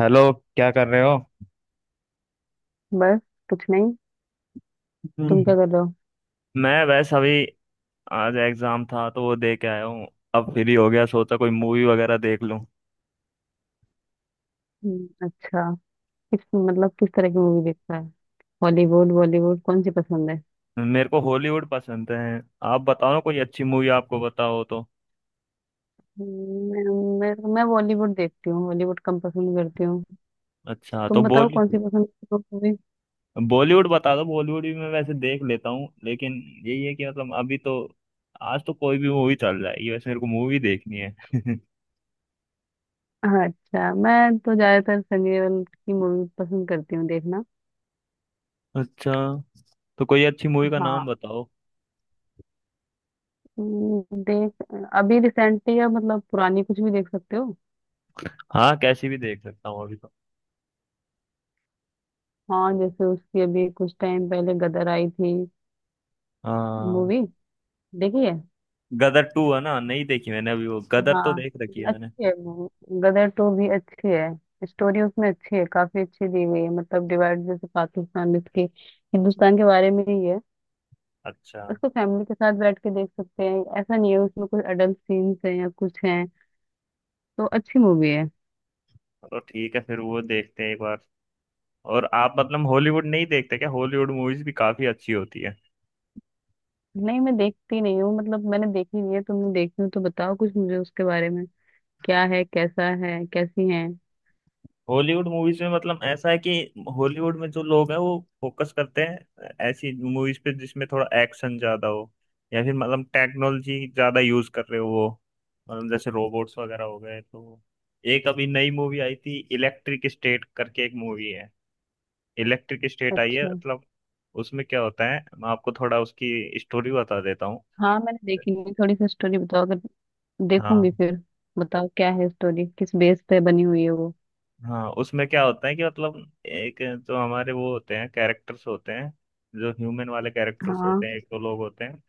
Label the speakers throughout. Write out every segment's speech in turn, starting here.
Speaker 1: Hello. क्या कर रहे हो?
Speaker 2: बस कुछ नहीं। तुम क्या
Speaker 1: हम्म।
Speaker 2: कर रहे हो?
Speaker 1: मैं बस अभी, आज एग्जाम था तो वो दे के आया हूँ। अब फ्री हो गया, सोचा कोई मूवी वगैरह देख लूँ।
Speaker 2: अच्छा। किस तरह की मूवी देखता है? हॉलीवुड बॉलीवुड कौन सी पसंद है?
Speaker 1: मेरे को हॉलीवुड पसंद है। आप बताओ ना कोई अच्छी मूवी, आपको बताओ तो।
Speaker 2: मैं बॉलीवुड देखती हूँ, हॉलीवुड कम पसंद करती हूँ।
Speaker 1: अच्छा, तो
Speaker 2: तुम बताओ कौन सी पसंद करती हो मूवी?
Speaker 1: बॉलीवुड बता दो। बॉलीवुड भी मैं वैसे देख लेता हूँ, लेकिन यही है कि मतलब अभी तो, आज तो कोई भी मूवी चल जाएगी, वैसे मेरे को मूवी देखनी है।
Speaker 2: हाँ, अच्छा मैं तो ज्यादातर सनी देओल की मूवी पसंद करती हूँ देखना।
Speaker 1: अच्छा, तो कोई अच्छी मूवी का नाम
Speaker 2: हाँ।
Speaker 1: बताओ।
Speaker 2: देख अभी रिसेंटली या मतलब पुरानी कुछ भी देख सकते हो।
Speaker 1: हाँ, कैसी भी देख सकता हूँ अभी तो।
Speaker 2: हाँ जैसे उसकी अभी कुछ टाइम पहले गदर आई थी
Speaker 1: हाँ,
Speaker 2: मूवी, देखी है?
Speaker 1: गदर टू है ना? नहीं देखी मैंने अभी, वो गदर तो
Speaker 2: हाँ
Speaker 1: देख रखी है मैंने।
Speaker 2: अच्छी है वो। गदर टू भी अच्छी है, स्टोरी उसमें अच्छी है, काफी अच्छी दी हुई है, मतलब डिवाइड जैसे पाकिस्तान इसके हिंदुस्तान के बारे में ही है।
Speaker 1: अच्छा,
Speaker 2: उसको फैमिली के साथ बैठ के देख सकते हैं, ऐसा नहीं है उसमें कुछ अडल्ट सीन्स हैं या कुछ हैं। तो अच्छी मूवी है।
Speaker 1: तो ठीक है फिर वो देखते हैं एक बार। और आप मतलब हॉलीवुड नहीं देखते क्या? हॉलीवुड मूवीज भी काफी अच्छी होती है।
Speaker 2: नहीं मैं देखती नहीं हूँ, मतलब मैंने देखी नहीं है। तुमने देखी हो तो बताओ कुछ मुझे उसके बारे में, क्या है, कैसा है, कैसी है?
Speaker 1: हॉलीवुड मूवीज में मतलब ऐसा है कि हॉलीवुड में जो लोग हैं वो फोकस करते हैं ऐसी मूवीज पे जिसमें थोड़ा एक्शन ज्यादा हो, या फिर मतलब टेक्नोलॉजी ज्यादा यूज कर रहे हो वो, मतलब जैसे रोबोट्स वगैरह हो गए तो। एक अभी नई मूवी आई थी, इलेक्ट्रिक स्टेट करके एक मूवी है। इलेक्ट्रिक स्टेट आई है,
Speaker 2: अच्छा।
Speaker 1: मतलब उसमें क्या होता है, मैं आपको थोड़ा उसकी स्टोरी बता देता हूँ।
Speaker 2: हाँ मैंने देखी नहीं, थोड़ी सी स्टोरी बताओ अगर, देखूंगी
Speaker 1: हाँ।
Speaker 2: फिर। बताओ क्या है स्टोरी, किस बेस पे बनी हुई है वो?
Speaker 1: हाँ, उसमें क्या होता है कि मतलब, एक तो हमारे वो होते हैं, कैरेक्टर्स होते हैं, जो ह्यूमन वाले कैरेक्टर्स होते
Speaker 2: हाँ
Speaker 1: हैं, एक तो लोग होते हैं।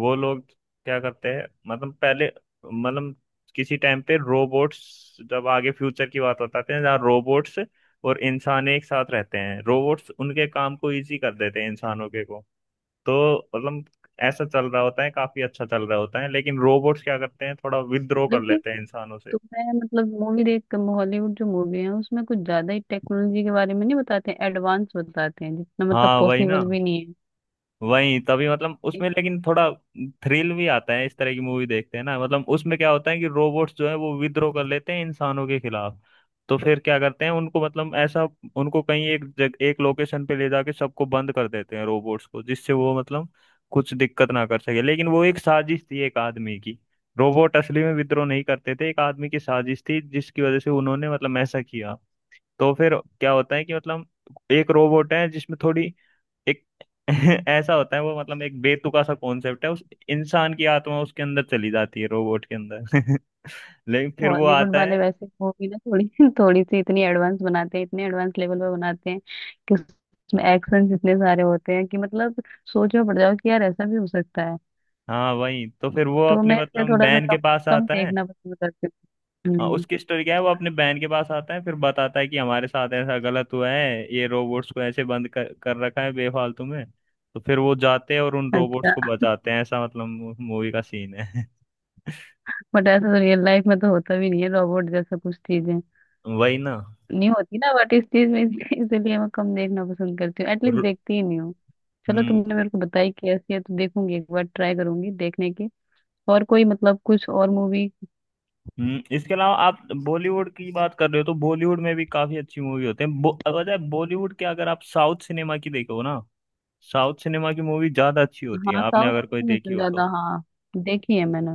Speaker 1: वो लोग क्या करते हैं, मतलब पहले मतलब किसी टाइम पे, रोबोट्स, जब आगे फ्यूचर की बात बताते हैं जहाँ रोबोट्स और इंसान एक साथ रहते हैं, रोबोट्स उनके काम को इजी कर देते हैं, इंसानों के को। तो मतलब ऐसा चल रहा होता है, काफी अच्छा चल रहा होता है, लेकिन रोबोट्स क्या करते हैं, थोड़ा विद्रोह कर
Speaker 2: लेकिन
Speaker 1: लेते हैं इंसानों से।
Speaker 2: तुम्हें मतलब मूवी देख हॉलीवुड जो मूवी है उसमें कुछ ज्यादा ही टेक्नोलॉजी के बारे में नहीं बताते हैं, एडवांस बताते हैं जितना मतलब
Speaker 1: हाँ, वही ना।
Speaker 2: पॉसिबल भी नहीं
Speaker 1: वही तभी मतलब
Speaker 2: है।
Speaker 1: उसमें, लेकिन थोड़ा थ्रिल भी आता है। इस तरह की मूवी देखते हैं ना, मतलब उसमें क्या होता है कि रोबोट्स जो है वो विद्रोह कर लेते हैं इंसानों के खिलाफ। तो फिर क्या करते हैं उनको, मतलब ऐसा, उनको कहीं एक लोकेशन पे ले जाके सबको बंद कर देते हैं, रोबोट्स को, जिससे वो मतलब कुछ दिक्कत ना कर सके। लेकिन वो एक साजिश थी, एक आदमी की। रोबोट असली में विद्रोह नहीं करते थे, एक आदमी की साजिश थी, जिसकी वजह से उन्होंने मतलब ऐसा किया। तो फिर क्या होता है कि मतलब, एक रोबोट है जिसमें थोड़ी, एक, ऐसा होता है वो, मतलब एक बेतुका सा कॉन्सेप्ट है। उस इंसान की आत्मा उसके अंदर चली जाती है, रोबोट के अंदर। लेकिन फिर वो
Speaker 2: हॉलीवुड
Speaker 1: आता
Speaker 2: वाले
Speaker 1: है।
Speaker 2: वैसे मूवी ना थोड़ी थोड़ी सी इतनी एडवांस बनाते हैं, इतने एडवांस लेवल पर बनाते हैं कि उसमें एक्शन इतने सारे होते हैं कि मतलब सोचो पड़ जाओ कि यार ऐसा भी हो सकता है।
Speaker 1: हाँ, वही, तो फिर वो
Speaker 2: तो
Speaker 1: अपने
Speaker 2: मैं इसलिए
Speaker 1: मतलब
Speaker 2: थोड़ा सा
Speaker 1: बहन के
Speaker 2: कम
Speaker 1: पास
Speaker 2: कम
Speaker 1: आता है।
Speaker 2: देखना पसंद करती हूँ।
Speaker 1: हाँ, उसकी स्टोरी क्या है, वो अपने बहन के पास आता है, फिर बताता है कि हमारे साथ ऐसा गलत हुआ है, ये रोबोट्स को ऐसे बंद कर रखा है बेफालतू में। तो फिर वो जाते हैं और उन रोबोट्स
Speaker 2: अच्छा।
Speaker 1: को बचाते हैं, ऐसा मतलब मूवी का सीन है।
Speaker 2: बट ऐसा तो रियल लाइफ में तो होता भी नहीं है, रोबोट जैसा कुछ चीजें
Speaker 1: वही ना।
Speaker 2: नहीं होती ना, व्हाट इस चीज में, इसलिए इसलिए मैं कम देखना पसंद करती हूँ, एटलीस्ट
Speaker 1: रो-
Speaker 2: देखती ही नहीं हूँ। चलो
Speaker 1: हम्म
Speaker 2: तुमने मेरे को बताई कि ऐसी है तो देखूंगी एक बार, ट्राई करूंगी देखने की। और कोई मतलब कुछ और मूवी?
Speaker 1: इसके अलावा, आप बॉलीवुड की बात कर रहे हो तो बॉलीवुड में भी काफी अच्छी मूवी होते हैं, अगर बॉलीवुड के अगर आप साउथ सिनेमा की देखो ना। साउथ सिनेमा की मूवी ज्यादा अच्छी होती है,
Speaker 2: हाँ
Speaker 1: आपने
Speaker 2: साउथ
Speaker 1: अगर कोई
Speaker 2: में
Speaker 1: देखी हो
Speaker 2: ज्यादा
Speaker 1: तो।
Speaker 2: हाँ देखी है मैंने।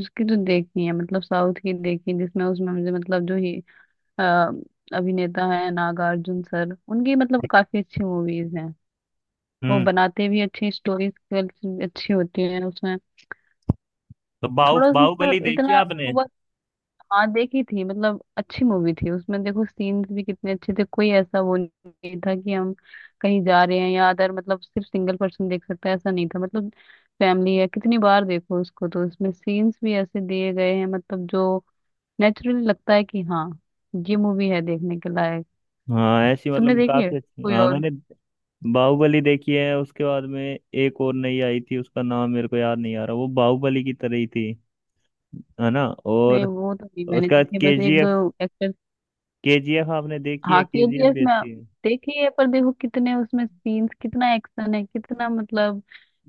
Speaker 2: उसकी तो देखी है, मतलब साउथ की देखी, जिसमें उसमें मुझे मतलब जो ही अ, अभिनेता है नागार्जुन सर, उनकी मतलब काफी अच्छी मूवीज हैं। वो
Speaker 1: हम्म
Speaker 2: बनाते भी अच्छी स्टोरीज, अच्छी होती है उसमें।
Speaker 1: तो
Speaker 2: थोड़ा उसमें
Speaker 1: बाहुबली देखी है
Speaker 2: इतना,
Speaker 1: आपने?
Speaker 2: हाँ देखी थी मतलब अच्छी मूवी थी, उसमें देखो सीन्स भी कितने अच्छे थे, कोई ऐसा वो नहीं था कि हम कहीं जा रहे हैं या अदर, मतलब सिर्फ सिंगल पर्सन देख सकता है ऐसा नहीं था, मतलब फैमिली है कितनी बार देखो उसको, तो उसमें सीन्स भी ऐसे दिए गए हैं मतलब जो नेचुरली लगता है कि हाँ ये मूवी है देखने के लायक।
Speaker 1: हाँ, ऐसी
Speaker 2: तुमने
Speaker 1: मतलब
Speaker 2: देखी है
Speaker 1: काफी अच्छी।
Speaker 2: कोई
Speaker 1: हाँ,
Speaker 2: और?
Speaker 1: मैंने बाहुबली देखी है, उसके बाद में एक और नई आई थी, उसका नाम मेरे को याद नहीं आ रहा, वो बाहुबली की तरह ही थी, है ना?
Speaker 2: नहीं
Speaker 1: और
Speaker 2: वो तो नहीं मैंने
Speaker 1: उसके बाद
Speaker 2: देखी है, बस एक
Speaker 1: केजीएफ।
Speaker 2: दो एक्टर्स।
Speaker 1: केजीएफ आपने देखी है?
Speaker 2: हाँ, के जी
Speaker 1: केजीएफ
Speaker 2: एफ
Speaker 1: भी
Speaker 2: में
Speaker 1: अच्छी
Speaker 2: देखी है, पर देखो कितने उसमें सीन्स, कितना एक्शन है, कितना मतलब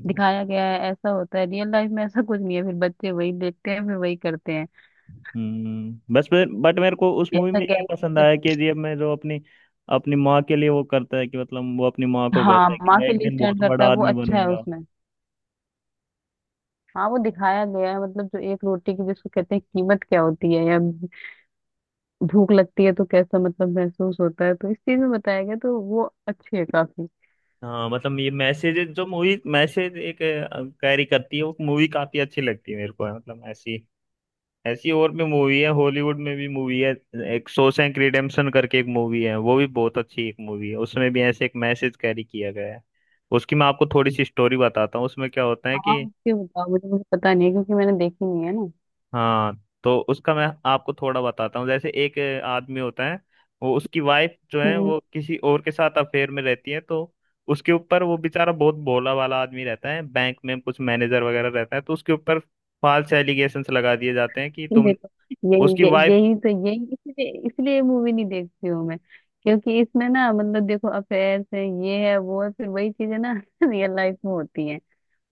Speaker 1: है।
Speaker 2: दिखाया गया है, ऐसा होता है रियल लाइफ में? ऐसा कुछ नहीं है, फिर बच्चे वही देखते हैं फिर वही करते हैं,
Speaker 1: बस, बट मेरे को उस मूवी
Speaker 2: जैसा
Speaker 1: में ये पसंद
Speaker 2: गैंगस्टर।
Speaker 1: आया, केजीएफ में, जो अपनी, अपनी माँ के लिए वो करता है, कि मतलब वो अपनी माँ को
Speaker 2: हाँ
Speaker 1: कहता है कि
Speaker 2: माँ
Speaker 1: मैं
Speaker 2: के
Speaker 1: एक
Speaker 2: लिए
Speaker 1: दिन बहुत
Speaker 2: स्टैंड करता
Speaker 1: बड़ा
Speaker 2: है वो,
Speaker 1: आदमी
Speaker 2: अच्छा है
Speaker 1: बनूंगा।
Speaker 2: उसमें। हाँ वो दिखाया गया है, मतलब जो एक रोटी की जिसको कहते हैं कीमत क्या होती है, या भूख लगती है तो कैसा मतलब महसूस होता है, तो इस चीज में बताया गया, तो वो अच्छी है काफी।
Speaker 1: हाँ, मतलब ये मैसेज जो मूवी मैसेज एक कैरी करती है, वो मूवी काफी अच्छी लगती है मेरे को, मतलब ऐसी, ऐसी और भी मूवी है, हॉलीवुड में भी मूवी है। एक शॉशैंक रिडेम्पशन करके एक मूवी है, वो भी बहुत अच्छी एक मूवी है, उसमें भी ऐसे एक मैसेज कैरी किया गया है। उसकी मैं आपको थोड़ी सी स्टोरी बताता हूँ, उसमें क्या होता है
Speaker 2: हाँ
Speaker 1: कि,
Speaker 2: उसके बताओ मुझे, मुझे पता नहीं है क्योंकि मैंने देखी नहीं है।
Speaker 1: हाँ, तो उसका मैं आपको थोड़ा बताता हूँ। जैसे एक आदमी होता है। वो, उसकी वाइफ जो है
Speaker 2: ना
Speaker 1: वो किसी और के साथ अफेयर में रहती है। तो उसके ऊपर, वो बेचारा बहुत भोला वाला आदमी रहता है, बैंक में कुछ मैनेजर वगैरह रहता है, तो उसके ऊपर फाल्स एलिगेशंस लगा दिए जाते हैं कि तुम,
Speaker 2: देखो,
Speaker 1: उसकी
Speaker 2: यही यही
Speaker 1: वाइफ।
Speaker 2: यही तो यही इसलिए इसलिए मूवी नहीं देखती हूँ मैं, क्योंकि इसमें ना मतलब देखो अफेयर्स है ये है वो है, फिर वही चीजें ना रियल लाइफ में होती हैं,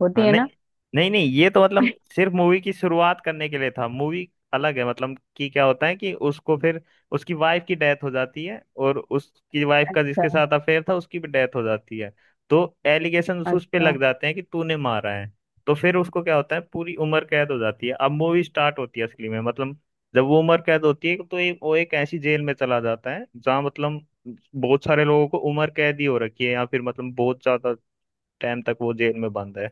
Speaker 2: होती
Speaker 1: हाँ,
Speaker 2: है
Speaker 1: नहीं
Speaker 2: ना।
Speaker 1: नहीं, नहीं ये तो मतलब सिर्फ मूवी की शुरुआत करने के लिए था। मूवी अलग है, मतलब कि क्या होता है कि उसको फिर, उसकी वाइफ की डेथ हो जाती है, और उसकी वाइफ का
Speaker 2: अच्छा।
Speaker 1: जिसके साथ अफेयर था उसकी भी डेथ हो जाती है। तो एलिगेशन उस पे
Speaker 2: अच्छा
Speaker 1: लग जाते हैं कि तूने मारा है। तो फिर उसको क्या होता है, पूरी उम्र कैद हो जाती है। अब मूवी स्टार्ट होती है असली में, मतलब, जब वो उम्र कैद होती है तो, एक वो एक ऐसी जेल में चला जाता है जहाँ मतलब बहुत सारे लोगों को उम्र कैद ही हो रखी है, या फिर मतलब बहुत ज्यादा टाइम तक वो जेल में बंद है।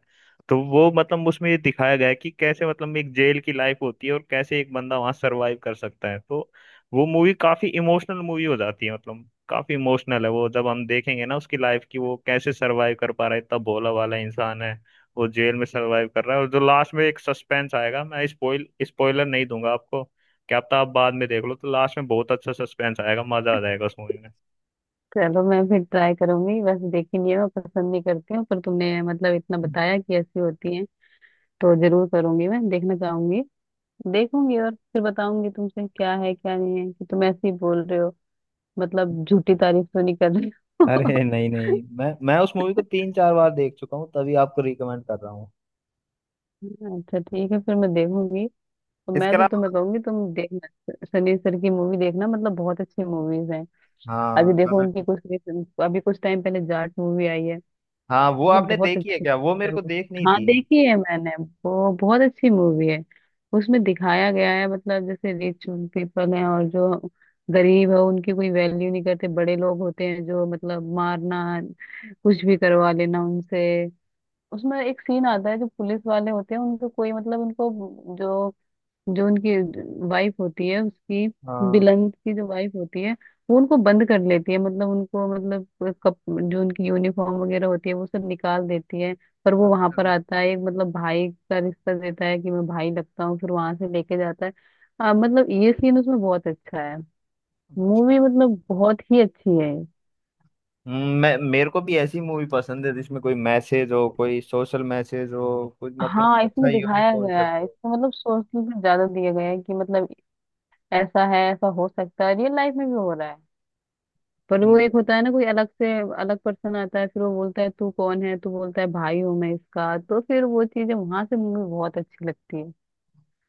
Speaker 1: तो वो मतलब उसमें ये दिखाया गया है कि कैसे मतलब एक जेल की लाइफ होती है, और कैसे एक बंदा वहां सरवाइव कर सकता है। तो वो मूवी काफी इमोशनल मूवी हो जाती है, मतलब काफी इमोशनल है वो, जब हम देखेंगे ना, उसकी लाइफ की वो कैसे सरवाइव कर पा रहा है, इतना भोला वाला इंसान है वो, जेल में सरवाइव कर रहा है। और जो लास्ट में एक सस्पेंस आएगा, मैं स्पॉइलर नहीं दूंगा आपको। क्या पता आप बाद में देख लो, तो लास्ट में बहुत अच्छा सस्पेंस आएगा, मजा आ जाएगा उस मूवी
Speaker 2: चलो मैं फिर ट्राई करूंगी, वैसे देखी नहीं है, मैं पसंद नहीं करती हूँ, पर तुमने मतलब इतना
Speaker 1: में।
Speaker 2: बताया कि ऐसी होती है तो जरूर करूंगी, मैं देखना चाहूंगी। देखूंगी और फिर बताऊंगी तुमसे क्या है क्या नहीं है, कि तुम ऐसे ही बोल रहे हो मतलब झूठी तारीफ तो नहीं कर रहे हो।
Speaker 1: अरे नहीं नहीं, मैं उस मूवी को तीन चार बार देख चुका हूँ, तभी आपको रिकमेंड कर रहा हूँ।
Speaker 2: अच्छा ठीक है फिर मैं देखूंगी। तो मैं
Speaker 1: इसके
Speaker 2: तो
Speaker 1: अलावा,
Speaker 2: तुम्हें कहूंगी तुम देखना सनी सर की मूवी देखना, मतलब बहुत अच्छी मूवीज हैं। अभी
Speaker 1: हाँ
Speaker 2: देखो
Speaker 1: दादा
Speaker 2: उनकी
Speaker 1: टू।
Speaker 2: कुछ अभी कुछ टाइम पहले जाट मूवी आई है,
Speaker 1: हाँ, वो
Speaker 2: मतलब
Speaker 1: आपने
Speaker 2: बहुत
Speaker 1: देखी है
Speaker 2: अच्छी
Speaker 1: क्या? वो मेरे
Speaker 2: है
Speaker 1: को
Speaker 2: वो।
Speaker 1: देखनी
Speaker 2: हाँ
Speaker 1: थी।
Speaker 2: देखी है मैंने, वो बहुत अच्छी मूवी है। उसमें दिखाया गया है मतलब जैसे रिच पीपल हैं और जो गरीब है उनकी कोई वैल्यू नहीं करते, बड़े लोग होते हैं जो मतलब मारना कुछ भी करवा लेना उनसे। उसमें एक सीन आता है, जो पुलिस वाले होते हैं उनको कोई मतलब, उनको जो जो उनकी वाइफ होती है उसकी,
Speaker 1: हाँ।
Speaker 2: बिलन की जो वाइफ होती है, वो उनको बंद कर लेती है, मतलब उनको मतलब जो उनकी यूनिफॉर्म वगैरह होती है वो सब निकाल देती है। पर वो वहां
Speaker 1: अच्छा।
Speaker 2: पर आता है, एक मतलब भाई का रिश्ता देता है कि मैं भाई लगता हूँ, फिर वहां से लेके जाता है। मतलब ये सीन उसमें बहुत अच्छा है। मूवी
Speaker 1: अच्छा।
Speaker 2: मतलब बहुत ही अच्छी है।
Speaker 1: मैं मेरे को भी ऐसी मूवी पसंद है जिसमें कोई मैसेज हो, कोई सोशल मैसेज हो, कुछ मतलब
Speaker 2: हाँ
Speaker 1: अच्छा
Speaker 2: इसमें
Speaker 1: यूनिक
Speaker 2: दिखाया गया
Speaker 1: कॉन्सेप्ट
Speaker 2: है,
Speaker 1: हो।
Speaker 2: इसमें मतलब सोच से ज्यादा दिया गया है कि मतलब ऐसा है ऐसा हो सकता है रियल लाइफ में भी हो रहा है। पर वो
Speaker 1: हम्म
Speaker 2: एक होता है ना, कोई अलग से अलग पर्सन आता है, फिर वो बोलता है तू कौन है, तू बोलता है भाई हूँ मैं इसका, तो फिर वो चीजें वहां से मूवी बहुत अच्छी लगती है।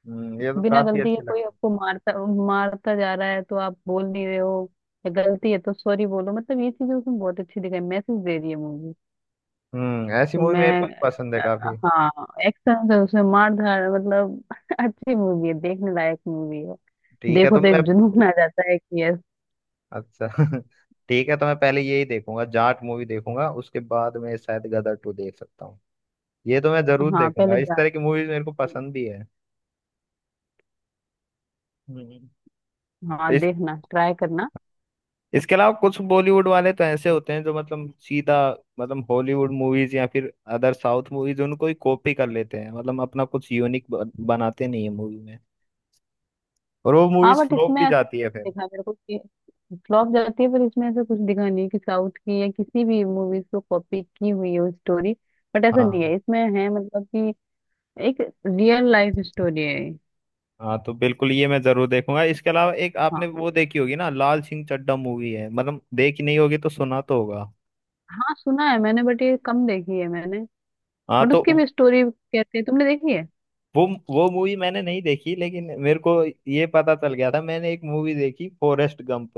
Speaker 1: ये तो
Speaker 2: बिना
Speaker 1: काफी
Speaker 2: गलती
Speaker 1: अच्छी
Speaker 2: के कोई
Speaker 1: लगी।
Speaker 2: आपको मारता मारता जा रहा है तो आप बोल नहीं रहे हो, या गलती है तो सॉरी बोलो, मतलब ये चीजें उसमें बहुत अच्छी दिखाई, मैसेज दे रही है मूवी।
Speaker 1: ऐसी
Speaker 2: तो
Speaker 1: मूवी
Speaker 2: मैं
Speaker 1: मेरे को भी पसंद है
Speaker 2: अ,
Speaker 1: काफी।
Speaker 2: हाँ एक्शन है उसमें, मार धाड़ मतलब अच्छी मूवी है, देखने लायक मूवी है।
Speaker 1: ठीक है
Speaker 2: देखो
Speaker 1: तो
Speaker 2: तो
Speaker 1: मैं
Speaker 2: एक जुनून आ जाता है कि यस।
Speaker 1: अच्छा। ठीक है, तो मैं पहले यही देखूंगा, जाट मूवी देखूंगा, उसके बाद मैं शायद गदर टू देख सकता हूँ। ये तो मैं जरूर
Speaker 2: हाँ
Speaker 1: देखूंगा,
Speaker 2: पहले
Speaker 1: इस
Speaker 2: जा।
Speaker 1: तरह की मूवीज मेरे को पसंद भी है। हम्म।
Speaker 2: हाँ
Speaker 1: इस
Speaker 2: देखना, ट्राई करना।
Speaker 1: इसके अलावा कुछ बॉलीवुड वाले तो ऐसे होते हैं जो मतलब सीधा, मतलब हॉलीवुड मूवीज या फिर अदर साउथ मूवीज उनको ही कॉपी कर लेते हैं, मतलब अपना कुछ यूनिक बनाते नहीं है मूवी में। और वो
Speaker 2: हाँ
Speaker 1: मूवीज
Speaker 2: बट
Speaker 1: फ्लॉप
Speaker 2: इसमें
Speaker 1: भी
Speaker 2: ऐसा
Speaker 1: जाती है
Speaker 2: नहीं
Speaker 1: फिर।
Speaker 2: दिखा मेरे को कि फ्लॉप जाती है, पर इसमें ऐसा कुछ दिखा नहीं है कि साउथ की या किसी भी मूवीज को कॉपी की हुई है स्टोरी, बट ऐसा नहीं
Speaker 1: हाँ।
Speaker 2: है, इसमें है मतलब कि एक रियल लाइफ स्टोरी है ये।
Speaker 1: हाँ, तो बिल्कुल ये मैं जरूर देखूंगा। इसके अलावा एक, आपने
Speaker 2: हाँ।
Speaker 1: वो देखी होगी ना, लाल सिंह चड्ढा मूवी है, मतलब देखी नहीं होगी तो सुना तो होगा।
Speaker 2: हाँ सुना है मैंने बट ये कम देखी है मैंने।
Speaker 1: हाँ,
Speaker 2: बट
Speaker 1: तो
Speaker 2: उसकी भी स्टोरी कहते हैं, तुमने देखी है?
Speaker 1: वो वो मूवी मैंने नहीं देखी, लेकिन मेरे को ये पता चल गया था। मैंने एक मूवी देखी, फॉरेस्ट गंप,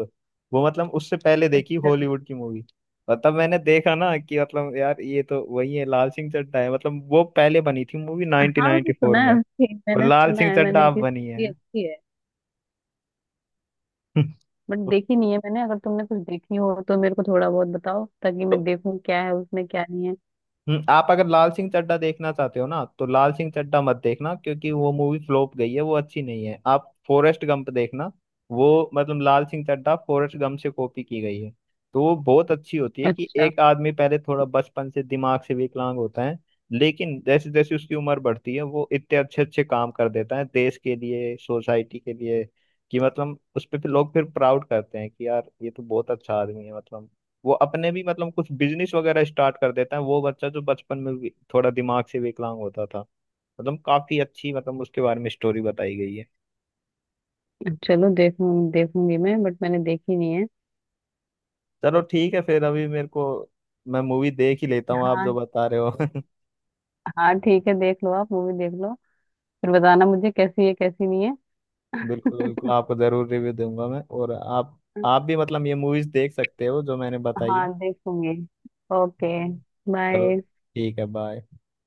Speaker 1: वो मतलब उससे पहले देखी,
Speaker 2: अच्छा।
Speaker 1: हॉलीवुड की मूवी। और तब मैंने देखा ना कि मतलब यार ये तो वही है, लाल सिंह चड्ढा है, मतलब वो पहले बनी थी मूवी
Speaker 2: हाँ मैंने
Speaker 1: 1994
Speaker 2: सुना है
Speaker 1: में।
Speaker 2: उसकी,
Speaker 1: और
Speaker 2: मैंने
Speaker 1: लाल
Speaker 2: सुना
Speaker 1: सिंह
Speaker 2: है
Speaker 1: चड्ढा
Speaker 2: मैंने
Speaker 1: अब
Speaker 2: कि
Speaker 1: बनी है।
Speaker 2: स्टोरी अच्छी है, बट देखी नहीं है मैंने, अगर तुमने कुछ देखी हो तो मेरे को थोड़ा बहुत बताओ ताकि
Speaker 1: तो
Speaker 2: मैं देखूं क्या है उसमें क्या नहीं है।
Speaker 1: आप अगर लाल सिंह चड्ढा देखना चाहते हो ना, तो लाल सिंह चड्ढा मत देखना, क्योंकि वो मूवी फ्लॉप गई है, वो अच्छी नहीं है, आप फॉरेस्ट गंप देखना। वो मतलब लाल सिंह चड्ढा फॉरेस्ट गंप से कॉपी की गई है। तो वो बहुत अच्छी होती है कि
Speaker 2: अच्छा
Speaker 1: एक आदमी पहले थोड़ा बचपन से दिमाग से विकलांग होता है। लेकिन जैसे जैसे उसकी उम्र बढ़ती है, वो इतने अच्छे अच्छे काम कर देता है, देश के लिए, सोसाइटी के लिए, कि मतलब उस पर फिर लोग फिर प्राउड करते हैं कि यार ये तो बहुत अच्छा आदमी है। मतलब वो अपने भी मतलब कुछ बिजनेस वगैरह स्टार्ट कर देता है, वो बच्चा जो बचपन में भी थोड़ा दिमाग से विकलांग होता था। मतलब काफी अच्छी, मतलब उसके बारे में स्टोरी बताई गई है।
Speaker 2: चलो देखूंगी मैं, बट मैंने देखी नहीं है।
Speaker 1: चलो, ठीक है फिर, अभी मेरे को मैं मूवी देख ही लेता हूँ, आप जो
Speaker 2: हाँ।
Speaker 1: बता रहे हो।
Speaker 2: हाँ ठीक है, देख लो आप, मूवी देख लो, फिर बताना मुझे कैसी है कैसी नहीं है।
Speaker 1: बिल्कुल बिल्कुल, आपको जरूर रिव्यू दूंगा मैं, और आप भी मतलब ये मूवीज देख सकते हो जो मैंने बताई है।
Speaker 2: हाँ देखूंगी। ओके
Speaker 1: हम्म। चलो,
Speaker 2: बाय।
Speaker 1: ठीक है, बाय।